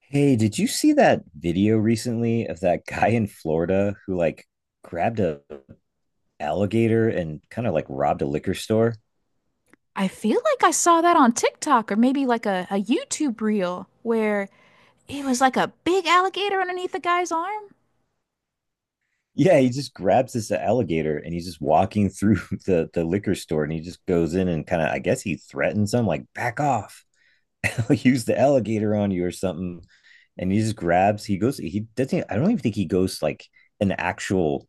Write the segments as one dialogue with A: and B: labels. A: Hey, did you see that video recently of that guy in Florida who like grabbed a alligator and kind of like robbed a liquor store?
B: I feel like I saw that on TikTok or maybe like a YouTube reel where it was like a big alligator underneath the guy's arm.
A: Yeah, he just grabs this alligator and he's just walking through the liquor store and he just goes in and kind of I guess he threatens them like back off. use the alligator on you or something. And he just grabs, he goes, he doesn't, I don't even think he goes like an actual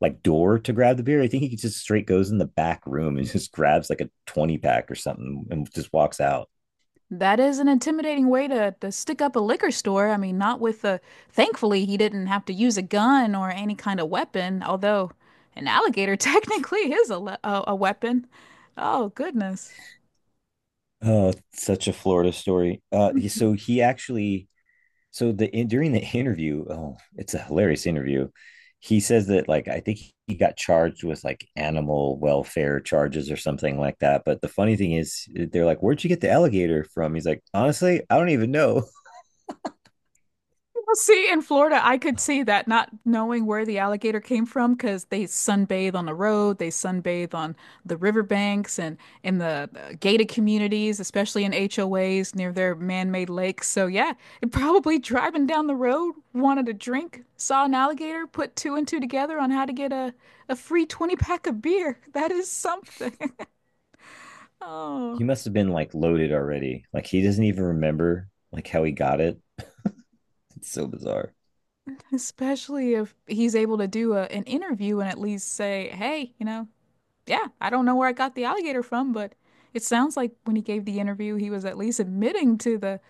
A: like door to grab the beer. I think he just straight goes in the back room and just grabs like a 20 pack or something and just walks out.
B: That is an intimidating way to stick up a liquor store. I mean, not with a, thankfully, he didn't have to use a gun or any kind of weapon, although an alligator technically is a weapon. Oh, goodness.
A: Oh, such a Florida story. So he actually so the in, during the interview, oh, it's a hilarious interview. He says that like I think he got charged with like animal welfare charges or something like that. But the funny thing is, they're like, "Where'd you get the alligator from?" He's like, "Honestly, I don't even know.
B: Well, see, in Florida, I could see that not knowing where the alligator came from because they sunbathe on the road, they sunbathe on the riverbanks and in the gated communities, especially in HOAs near their man-made lakes. So yeah, it probably driving down the road, wanted a drink, saw an alligator, put two and two together on how to get a free 20 pack of beer. That is something. Oh,
A: He must have been like loaded already. Like he doesn't even remember like how he got it. It's so bizarre."
B: especially if he's able to do an interview and at least say, hey, you know, yeah, I don't know where I got the alligator from, but it sounds like when he gave the interview, he was at least admitting to the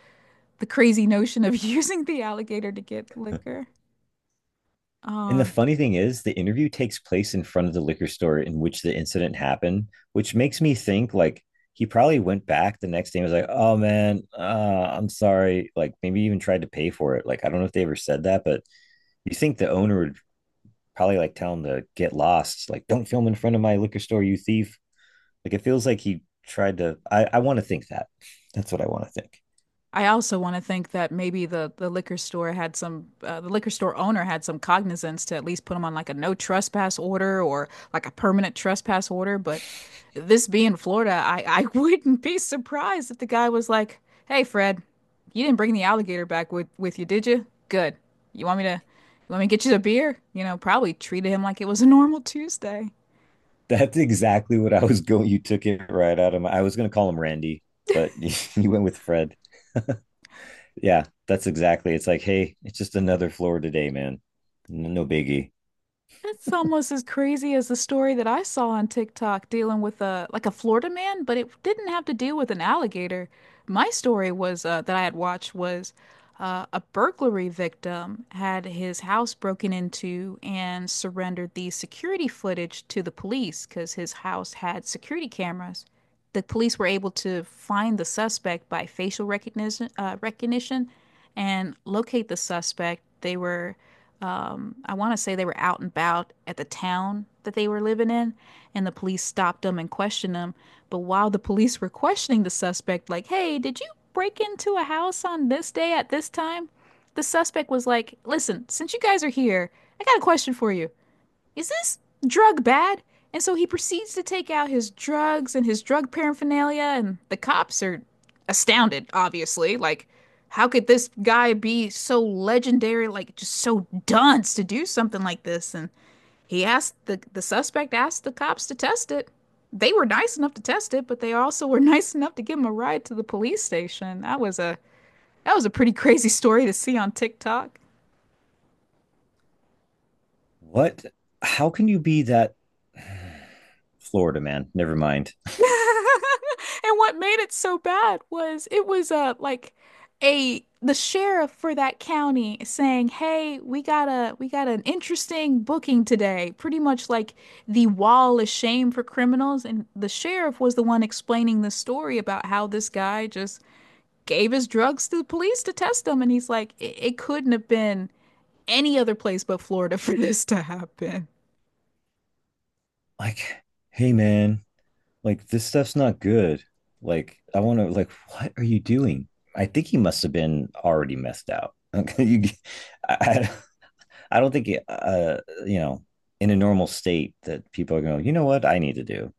B: the crazy notion of using the alligator to get liquor.
A: And the
B: Uh,
A: funny thing is, the interview takes place in front of the liquor store in which the incident happened, which makes me think like he probably went back the next day and was like, "Oh man, I'm sorry." Like maybe even tried to pay for it. Like I don't know if they ever said that, but you think the owner would probably like tell him to get lost, like don't film in front of my liquor store, you thief. Like it feels like he tried to. I want to think that. That's what I want to think.
B: I also want to think that maybe the liquor store had some the liquor store owner had some cognizance to at least put him on like a no trespass order or like a permanent trespass order. But this being Florida, I wouldn't be surprised if the guy was like, "Hey, Fred, you didn't bring the alligator back with you, did you? Good. You want me to get you a beer? You know, probably treated him like it was a normal Tuesday."
A: That's exactly what I was going. You took it right out of my. I was going to call him Randy, but you went with Fred. Yeah, that's exactly. It's like, hey, it's just another floor today, man. No biggie.
B: That's almost as crazy as the story that I saw on TikTok dealing with a like a Florida man, but it didn't have to deal with an alligator. My story was that I had watched was a burglary victim had his house broken into and surrendered the security footage to the police because his house had security cameras. The police were able to find the suspect by facial recognition, recognition and locate the suspect. They were I want to say they were out and about at the town that they were living in, and the police stopped them and questioned them. But while the police were questioning the suspect, like, hey, did you break into a house on this day at this time? The suspect was like, listen, since you guys are here, I got a question for you, is this drug bad? And so he proceeds to take out his drugs and his drug paraphernalia, and the cops are astounded, obviously. Like, how could this guy be so legendary, like just so dunce to do something like this? And he asked the suspect asked the cops to test it. They were nice enough to test it, but they also were nice enough to give him a ride to the police station. That was a pretty crazy story to see on TikTok.
A: What? How can you be that Florida man? Never mind.
B: And what made it so bad was it was like a the sheriff for that county saying, "Hey, we got an interesting booking today." Pretty much like the wall of shame for criminals, and the sheriff was the one explaining the story about how this guy just gave his drugs to the police to test them, and he's like, "It couldn't have been any other place but Florida for this to happen."
A: Like, hey, man, like this stuff's not good. Like, I want to, like, what are you doing? I think he must have been already messed out. Okay, you, I, I- I don't think, you know, in a normal state that people are going, you know what, I need to do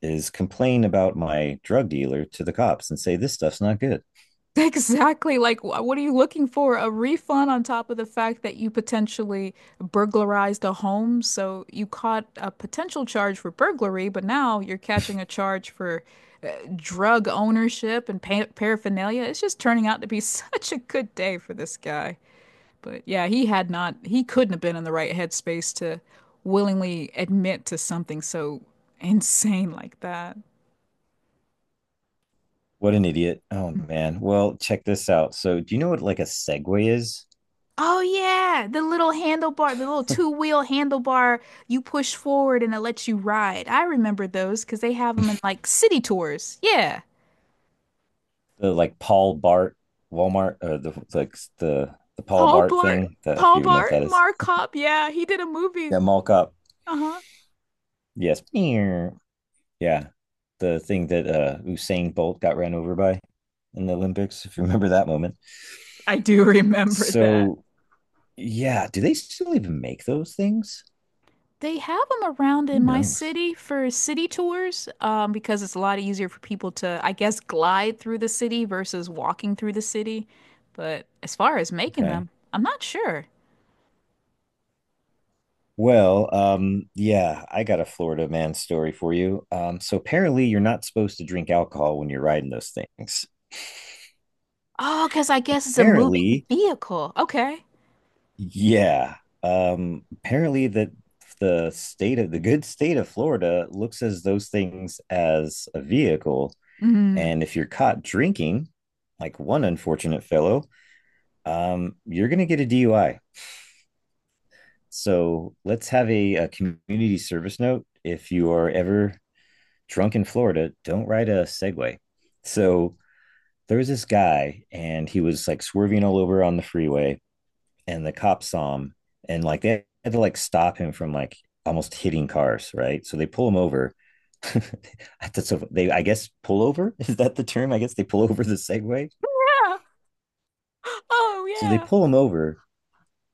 A: is complain about my drug dealer to the cops and say this stuff's not good.
B: Exactly. Like, what are you looking for? A refund on top of the fact that you potentially burglarized a home. So you caught a potential charge for burglary, but now you're catching a charge for drug ownership and pa paraphernalia. It's just turning out to be such a good day for this guy. But yeah, he had not, he couldn't have been in the right headspace to willingly admit to something so insane like that.
A: What an idiot. Oh man. Well, check this out. So, do you know what like a Segway is?
B: Oh yeah, the little handlebar, the little two-wheel handlebar you push forward and it lets you ride. I remember those because they have them in like city tours. Yeah.
A: The like Paul Bart Walmart or the like the Paul
B: Paul
A: Bart
B: Blart,
A: thing that if
B: Paul
A: you know what
B: Blart,
A: that is.
B: Mark Cop. Yeah, he did a movie.
A: Yeah, mall cop.
B: Uh-huh.
A: Yes. Meow. Yeah. The thing that Usain Bolt got ran over by in the Olympics, if you remember that moment.
B: I do remember that.
A: So, yeah, do they still even make those things?
B: They have them around
A: Who
B: in my
A: knows?
B: city for city tours, because it's a lot easier for people to, I guess, glide through the city versus walking through the city. But as far as making
A: Okay.
B: them, I'm not sure.
A: Well, yeah, I got a Florida man story for you. So apparently you're not supposed to drink alcohol when you're riding those things.
B: Oh, because I guess it's a moving
A: Apparently,
B: vehicle. Okay.
A: yeah. Apparently that the good state of Florida looks as those things as a vehicle,
B: Mm.
A: and if you're caught drinking, like one unfortunate fellow, you're gonna get a DUI. So let's have a community service note if you are ever drunk in Florida, don't ride a Segway. So there was this guy and he was like swerving all over on the freeway and the cops saw him and like they had to like stop him from like almost hitting cars, right? So they pull him over. That's so they I guess pull over is that the term? I guess they pull over the Segway.
B: Yeah. Oh,
A: So they
B: yeah.
A: pull him over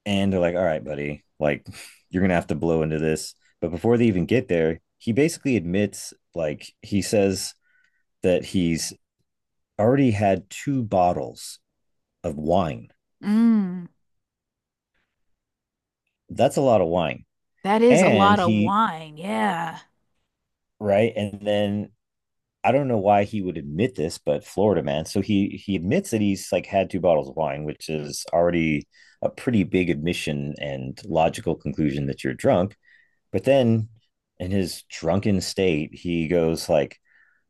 A: and they're like, "All right, buddy, like you're gonna have to blow into this." But before they even get there, he basically admits, like he says that he's already had two bottles of wine.
B: Mm.
A: That's a lot of wine.
B: That is a
A: And
B: lot of
A: he,
B: wine. Yeah.
A: right? And then I don't know why he would admit this, but Florida man. So he admits that he's like had two bottles of wine, which is already a pretty big admission and logical conclusion that you're drunk. But then in his drunken state, he goes like,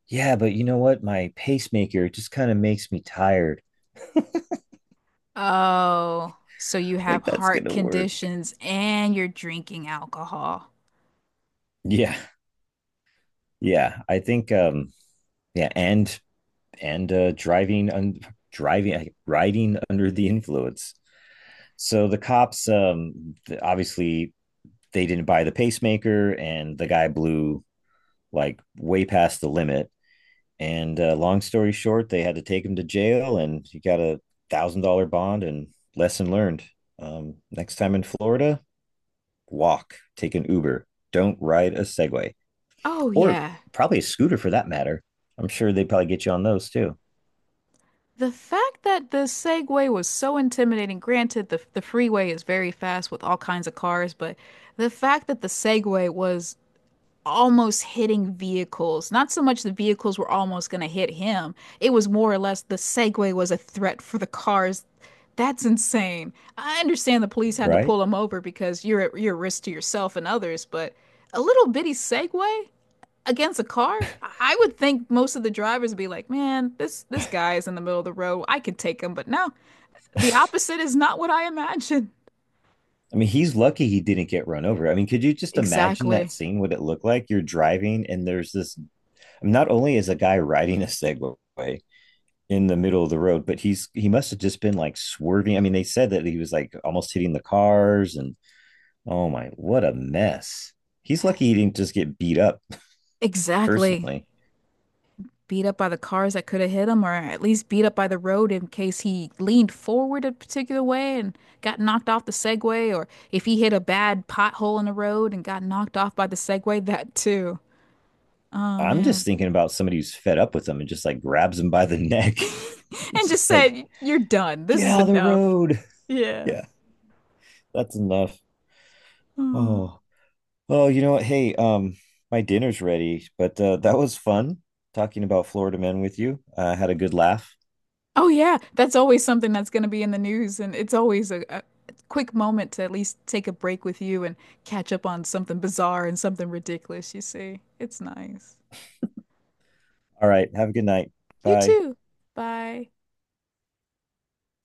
A: "Yeah, but you know what? My pacemaker just kind of makes me tired.
B: Oh, so you have
A: Like that's going
B: heart
A: to work."
B: conditions and you're drinking alcohol.
A: Yeah. Yeah, I think yeah, and driving un- driving riding under the influence. So the cops, obviously, they didn't buy the pacemaker, and the guy blew like way past the limit. And long story short, they had to take him to jail, and he got $1,000 bond. And lesson learned: next time in Florida, walk, take an Uber, don't ride a Segway
B: Oh,
A: or
B: yeah.
A: probably a scooter for that matter. I'm sure they probably get you on those too,
B: The fact that the Segway was so intimidating, granted, the freeway is very fast with all kinds of cars, but the fact that the Segway was almost hitting vehicles. Not so much the vehicles were almost going to hit him. It was more or less the Segway was a threat for the cars. That's insane. I understand the police had to
A: right?
B: pull him over because you're at your risk to yourself and others, but a little bitty Segway against a car? I would think most of the drivers would be like, "Man, this guy is in the middle of the road. I could take him." But no, the opposite is not what I imagined.
A: I mean, he's lucky he didn't get run over. I mean, could you just imagine that
B: Exactly.
A: scene? What it looked like? You're driving, and there's this. I mean, not only is a guy riding a Segway in the middle of the road, but he must have just been like swerving. I mean, they said that he was like almost hitting the cars, and oh my, what a mess! He's lucky he didn't just get beat up
B: Exactly.
A: personally.
B: Beat up by the cars that could have hit him, or at least beat up by the road in case he leaned forward a particular way and got knocked off the Segway, or if he hit a bad pothole in the road and got knocked off by the Segway, that too. Oh
A: I'm just
B: man.
A: thinking about somebody who's fed up with him and just like grabs him by the neck,
B: And just
A: just like
B: said, you're done. This
A: get
B: is
A: out of the
B: enough.
A: road.
B: Yeah.
A: Yeah, that's enough.
B: Mm.
A: Oh. Oh, you know what? Hey, my dinner's ready, but that was fun talking about Florida men with you. I had a good laugh.
B: Oh yeah, that's always something that's going to be in the news, and it's always a quick moment to at least take a break with you and catch up on something bizarre and something ridiculous, you see. It's nice.
A: All right, have a good night.
B: You
A: Bye.
B: too. Bye.